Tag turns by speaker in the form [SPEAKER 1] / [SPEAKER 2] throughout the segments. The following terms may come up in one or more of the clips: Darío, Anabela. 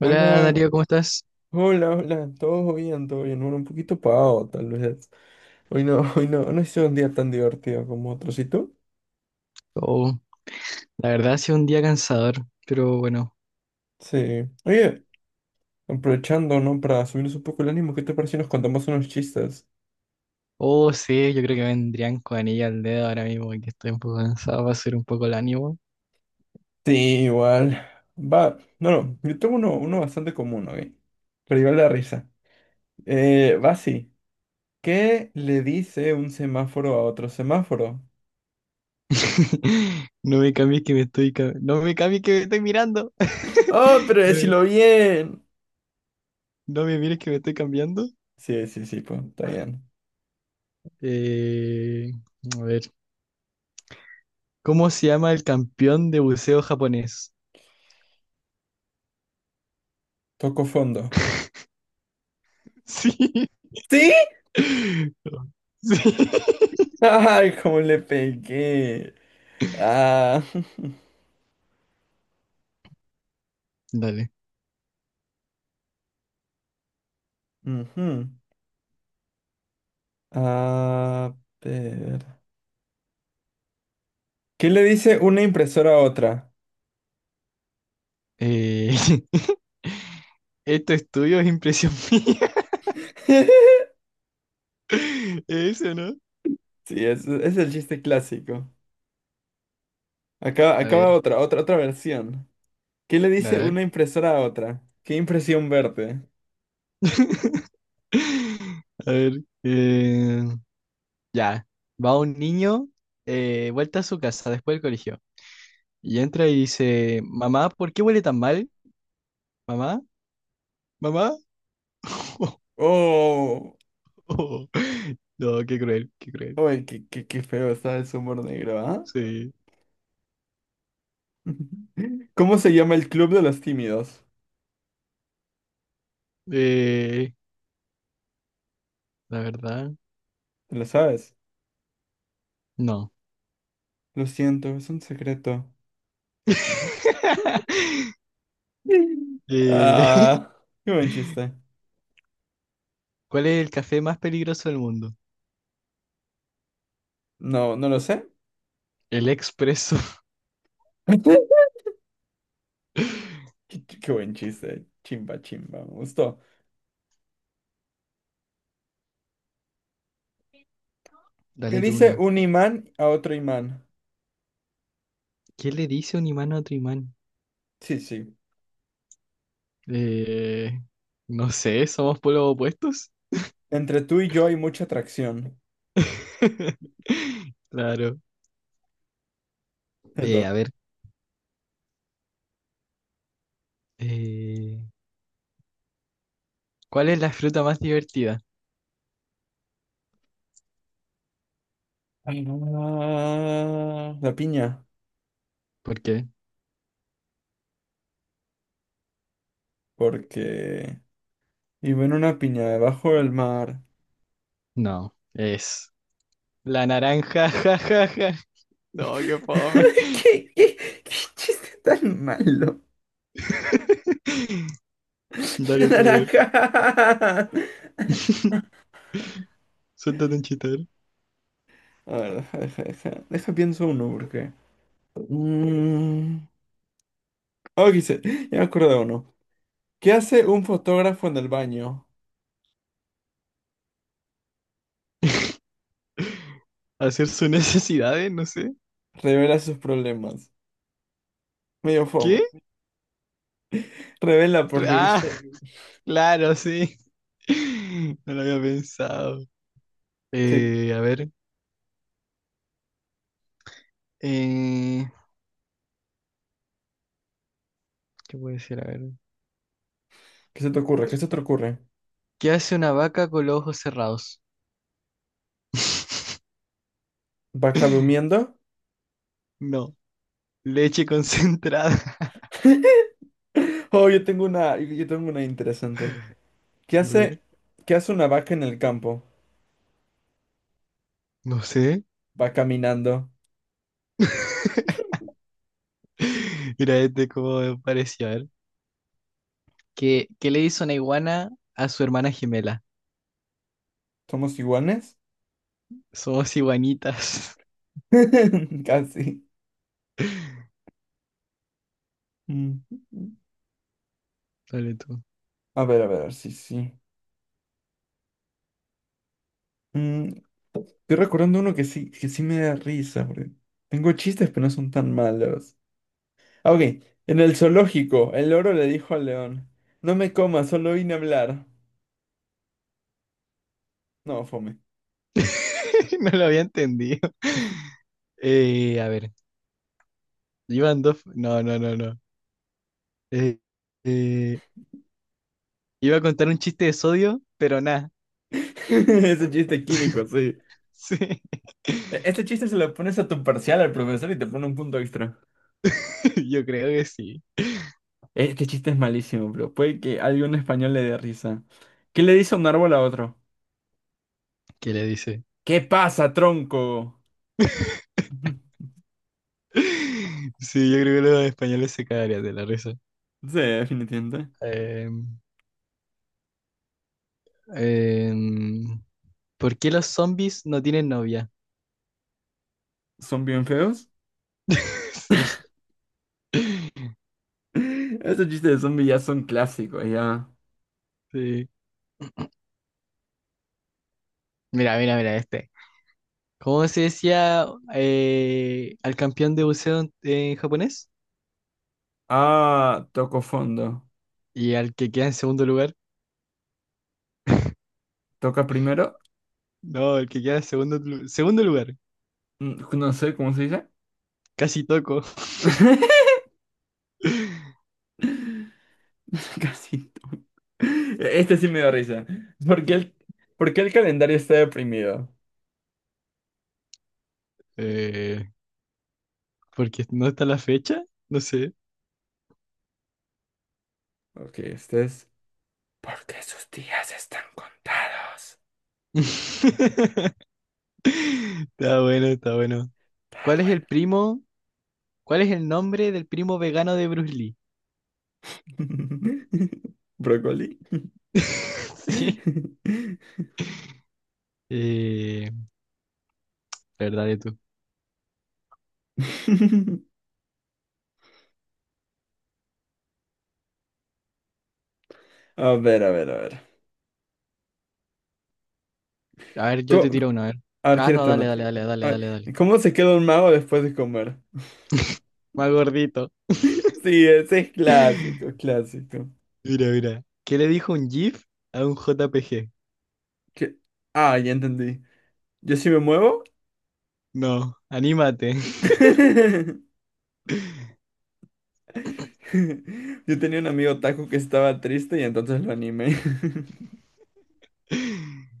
[SPEAKER 1] Hola
[SPEAKER 2] Hola,
[SPEAKER 1] Darío, ¿cómo estás?
[SPEAKER 2] hola, hola, todo bien, todo bien. Bueno, un poquito pagado, tal vez. Hoy no, hoy no, no ha sido un día tan divertido como otros. ¿Y tú?
[SPEAKER 1] Oh, la verdad ha sido un día cansador, pero bueno.
[SPEAKER 2] Sí. Oye, aprovechando, ¿no? Para subirnos un poco el ánimo, ¿qué te parece si nos contamos unos chistes?
[SPEAKER 1] Oh, sí, yo creo que vendrían con anilla al dedo ahora mismo, que estoy un poco cansado, va a ser un poco el ánimo.
[SPEAKER 2] Sí, igual. Va, no, no, yo tengo uno, uno bastante común, ¿ok? Pero igual la risa. Va así. ¿Qué le dice un semáforo a otro semáforo?
[SPEAKER 1] No me cambies que me estoy no me cambies que me estoy mirando.
[SPEAKER 2] ¡Oh, pero
[SPEAKER 1] No, me
[SPEAKER 2] decilo bien!
[SPEAKER 1] no me mires que me estoy cambiando.
[SPEAKER 2] Sí, sí, sí, pues, está bien.
[SPEAKER 1] Eh, a ver, ¿cómo se llama el campeón de buceo japonés?
[SPEAKER 2] Toco fondo.
[SPEAKER 1] Sí.
[SPEAKER 2] ¡Sí!
[SPEAKER 1] Sí.
[SPEAKER 2] Ay, cómo le pegué. Ah.
[SPEAKER 1] Dale.
[SPEAKER 2] ujú. A ver. ¿Qué le dice una impresora a otra?
[SPEAKER 1] Eh, esto es tuyo, es impresión mía. Eso, ¿no?
[SPEAKER 2] Sí, es el chiste clásico. Acaba,
[SPEAKER 1] A
[SPEAKER 2] acaba
[SPEAKER 1] ver,
[SPEAKER 2] otra versión. ¿Qué le
[SPEAKER 1] a
[SPEAKER 2] dice
[SPEAKER 1] ver.
[SPEAKER 2] una impresora a otra? Qué impresión verte.
[SPEAKER 1] A ver. Ya. Va un niño, vuelta a su casa después del colegio. Y entra y dice, mamá, ¿por qué huele tan mal? Mamá, mamá.
[SPEAKER 2] Oh,
[SPEAKER 1] No, qué cruel, qué cruel.
[SPEAKER 2] uy, qué feo está el humor negro, ¿ah?
[SPEAKER 1] Sí.
[SPEAKER 2] ¿Cómo se llama el club de los tímidos?
[SPEAKER 1] Eh, la verdad,
[SPEAKER 2] ¿Te lo sabes?
[SPEAKER 1] no.
[SPEAKER 2] Lo siento, es un secreto.
[SPEAKER 1] Eh,
[SPEAKER 2] Ah, qué buen chiste.
[SPEAKER 1] ¿cuál es el café más peligroso del mundo?
[SPEAKER 2] No, no lo sé.
[SPEAKER 1] El expreso.
[SPEAKER 2] Qué buen chiste. Chimba, chimba. Me gustó. ¿Qué
[SPEAKER 1] Dale tú
[SPEAKER 2] dice
[SPEAKER 1] uno.
[SPEAKER 2] un imán a otro imán?
[SPEAKER 1] ¿Qué le dice un imán a otro imán?
[SPEAKER 2] Sí, sí.
[SPEAKER 1] Eh, no sé, somos polos opuestos.
[SPEAKER 2] Entre tú y yo hay mucha atracción.
[SPEAKER 1] Claro.
[SPEAKER 2] Te
[SPEAKER 1] A
[SPEAKER 2] toca.
[SPEAKER 1] ver, eh, ¿cuál es la fruta más divertida?
[SPEAKER 2] Ah, la piña.
[SPEAKER 1] ¿Por qué?
[SPEAKER 2] Porque vivo en una piña debajo del mar.
[SPEAKER 1] No, es la naranja. Ja, ja, ja. No, qué fome.
[SPEAKER 2] ¿Qué, qué, qué chiste tan malo?
[SPEAKER 1] Dale
[SPEAKER 2] La
[SPEAKER 1] tú, ver.
[SPEAKER 2] naranja.
[SPEAKER 1] Suéltate un chitar.
[SPEAKER 2] A ver, deja, deja, deja. Deja pienso uno, porque. Mm, oh, ya me acuerdo de uno. ¿Qué hace un fotógrafo en el baño?
[SPEAKER 1] Hacer sus necesidades, no sé.
[SPEAKER 2] Revela sus problemas. Medio
[SPEAKER 1] ¿Qué?
[SPEAKER 2] fome. Revela porque
[SPEAKER 1] Ah,
[SPEAKER 2] viste.
[SPEAKER 1] claro, sí. No lo había pensado.
[SPEAKER 2] Sí.
[SPEAKER 1] A ver. Eh, ¿Qué puede ser? A ver.
[SPEAKER 2] ¿Qué se te ocurre? ¿Qué se te ocurre?
[SPEAKER 1] ¿Qué hace una vaca con los ojos cerrados?
[SPEAKER 2] ¿Vaca durmiendo?
[SPEAKER 1] No, leche concentrada.
[SPEAKER 2] Oh, yo tengo una. Yo tengo una interesante. ¿Qué
[SPEAKER 1] Blur.
[SPEAKER 2] hace? ¿Qué hace una vaca en el campo?
[SPEAKER 1] No sé.
[SPEAKER 2] Va caminando.
[SPEAKER 1] Mira, este como me pareció. A ver. ¿Qué le hizo una iguana a su hermana gemela?
[SPEAKER 2] ¿Somos iguanes?
[SPEAKER 1] Somos iguanitas.
[SPEAKER 2] Casi. Mm.
[SPEAKER 1] Dale tú.
[SPEAKER 2] A ver, sí, sí. Mm, Estoy recordando uno que sí me da risa, porque tengo chistes, pero no son tan malos. Ah, ok. En el zoológico, el loro le dijo al león, no me comas, solo vine a hablar. No, fome.
[SPEAKER 1] No lo había entendido. A ver, iban dos. No, no, no, no. Eh, eh, iba a contar un chiste de sodio, pero nada.
[SPEAKER 2] Ese chiste químico, sí.
[SPEAKER 1] Sí,
[SPEAKER 2] Este chiste se lo pones a tu parcial al profesor y te pone un punto extra.
[SPEAKER 1] yo creo que sí.
[SPEAKER 2] Este chiste es malísimo, pero puede que a algún español le dé risa. ¿Qué le dice un árbol a otro?
[SPEAKER 1] ¿Qué le dice?
[SPEAKER 2] ¿Qué pasa, tronco?
[SPEAKER 1] Sí, yo creo que los españoles se cagarían de la risa.
[SPEAKER 2] Sí, definitivamente.
[SPEAKER 1] Em, em, ¿Por qué los zombies no tienen novia?
[SPEAKER 2] ¿Son bien feos?
[SPEAKER 1] Sí,
[SPEAKER 2] Esos chistes de zombies ya son clásicos, ya.
[SPEAKER 1] sí. Mira, mira, mira este. ¿Cómo se decía al campeón de buceo en japonés?
[SPEAKER 2] Ah, toco fondo.
[SPEAKER 1] Y al que queda en segundo lugar.
[SPEAKER 2] ¿Toca primero?
[SPEAKER 1] No, el que queda en segundo, segundo lugar.
[SPEAKER 2] No sé cómo se dice.
[SPEAKER 1] Casi toco.
[SPEAKER 2] Casi. Este sí me da risa. ¿Por qué el, por qué el calendario está deprimido?
[SPEAKER 1] Eh, porque no está la fecha. No sé.
[SPEAKER 2] Ok, este es. Porque sus días están contados.
[SPEAKER 1] Está bueno, está bueno.
[SPEAKER 2] Pero
[SPEAKER 1] ¿Cuál es el
[SPEAKER 2] bueno.
[SPEAKER 1] primo? ¿Cuál es el nombre del primo vegano de Bruce Lee?
[SPEAKER 2] ¿Brócoli?
[SPEAKER 1] Sí. Eh, verdad de tú.
[SPEAKER 2] A ver, a ver, a ver.
[SPEAKER 1] A ver, yo te
[SPEAKER 2] Co-
[SPEAKER 1] tiro una, a ver.
[SPEAKER 2] a ver,
[SPEAKER 1] Ah, no,
[SPEAKER 2] tírate
[SPEAKER 1] dale,
[SPEAKER 2] una.
[SPEAKER 1] dale, dale, dale,
[SPEAKER 2] A
[SPEAKER 1] dale, dale.
[SPEAKER 2] ver, ¿cómo se queda un mago después de comer?
[SPEAKER 1] Más gordito.
[SPEAKER 2] Sí, ese es clásico, clásico.
[SPEAKER 1] Mira, mira. ¿Qué le dijo un GIF a un JPG?
[SPEAKER 2] Que- Ah, ya entendí. Yo sí me muevo.
[SPEAKER 1] No, anímate.
[SPEAKER 2] Yo tenía un amigo otaku que estaba triste y entonces lo animé.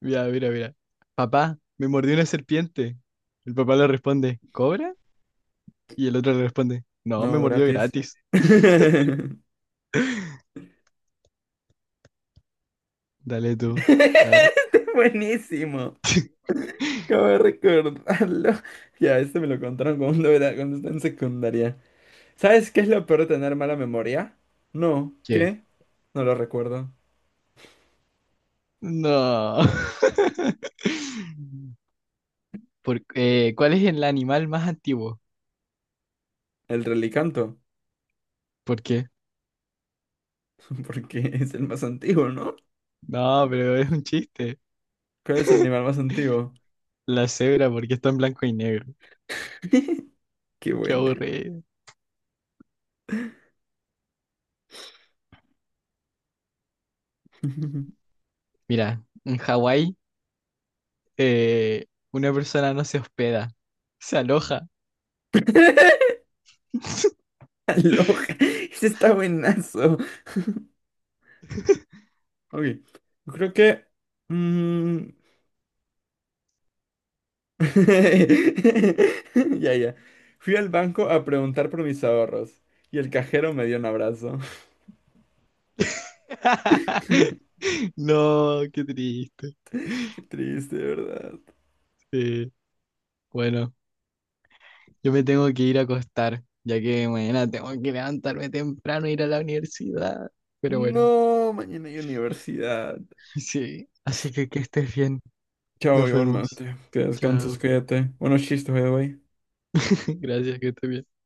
[SPEAKER 1] Mira, mira, mira. Papá, me mordió una serpiente. El papá le responde, ¿cobra? Y el otro le responde, no, me
[SPEAKER 2] No,
[SPEAKER 1] mordió
[SPEAKER 2] gratis.
[SPEAKER 1] gratis. Dale tú. A ver.
[SPEAKER 2] Este es buenísimo. Acabo de recordarlo. Ya, este me lo contaron cuando era, cuando estaba en secundaria. ¿Sabes qué es lo peor de tener mala memoria? No,
[SPEAKER 1] ¿Qué?
[SPEAKER 2] ¿qué? No lo recuerdo.
[SPEAKER 1] No. ¿Cuál es el animal más antiguo?
[SPEAKER 2] El relicanto.
[SPEAKER 1] ¿Por qué?
[SPEAKER 2] Porque es el más antiguo, ¿no?
[SPEAKER 1] No, pero es un chiste.
[SPEAKER 2] ¿Cuál es el animal más antiguo?
[SPEAKER 1] La cebra, porque está en blanco y negro.
[SPEAKER 2] Qué
[SPEAKER 1] Qué
[SPEAKER 2] buena.
[SPEAKER 1] aburrido. Mira, en Hawái, una persona no se hospeda, se aloja.
[SPEAKER 2] Aloha. Ese está buenazo. Ok. Yo creo que. mm, Ya, ya. Fui al banco a preguntar por mis ahorros. Y el cajero me dio un abrazo.
[SPEAKER 1] No, qué triste.
[SPEAKER 2] Qué triste, de ¿verdad?
[SPEAKER 1] Sí. Bueno. Yo me tengo que ir a acostar, ya que mañana tengo que levantarme temprano e ir a la universidad. Pero bueno,
[SPEAKER 2] No, mañana hay universidad.
[SPEAKER 1] sí. Así que estés bien.
[SPEAKER 2] Chao,
[SPEAKER 1] Nos vemos.
[SPEAKER 2] igualmente. Que descanses,
[SPEAKER 1] Chao.
[SPEAKER 2] cuídate. Buenos chistes, by the way.
[SPEAKER 1] Gracias, que estés bien.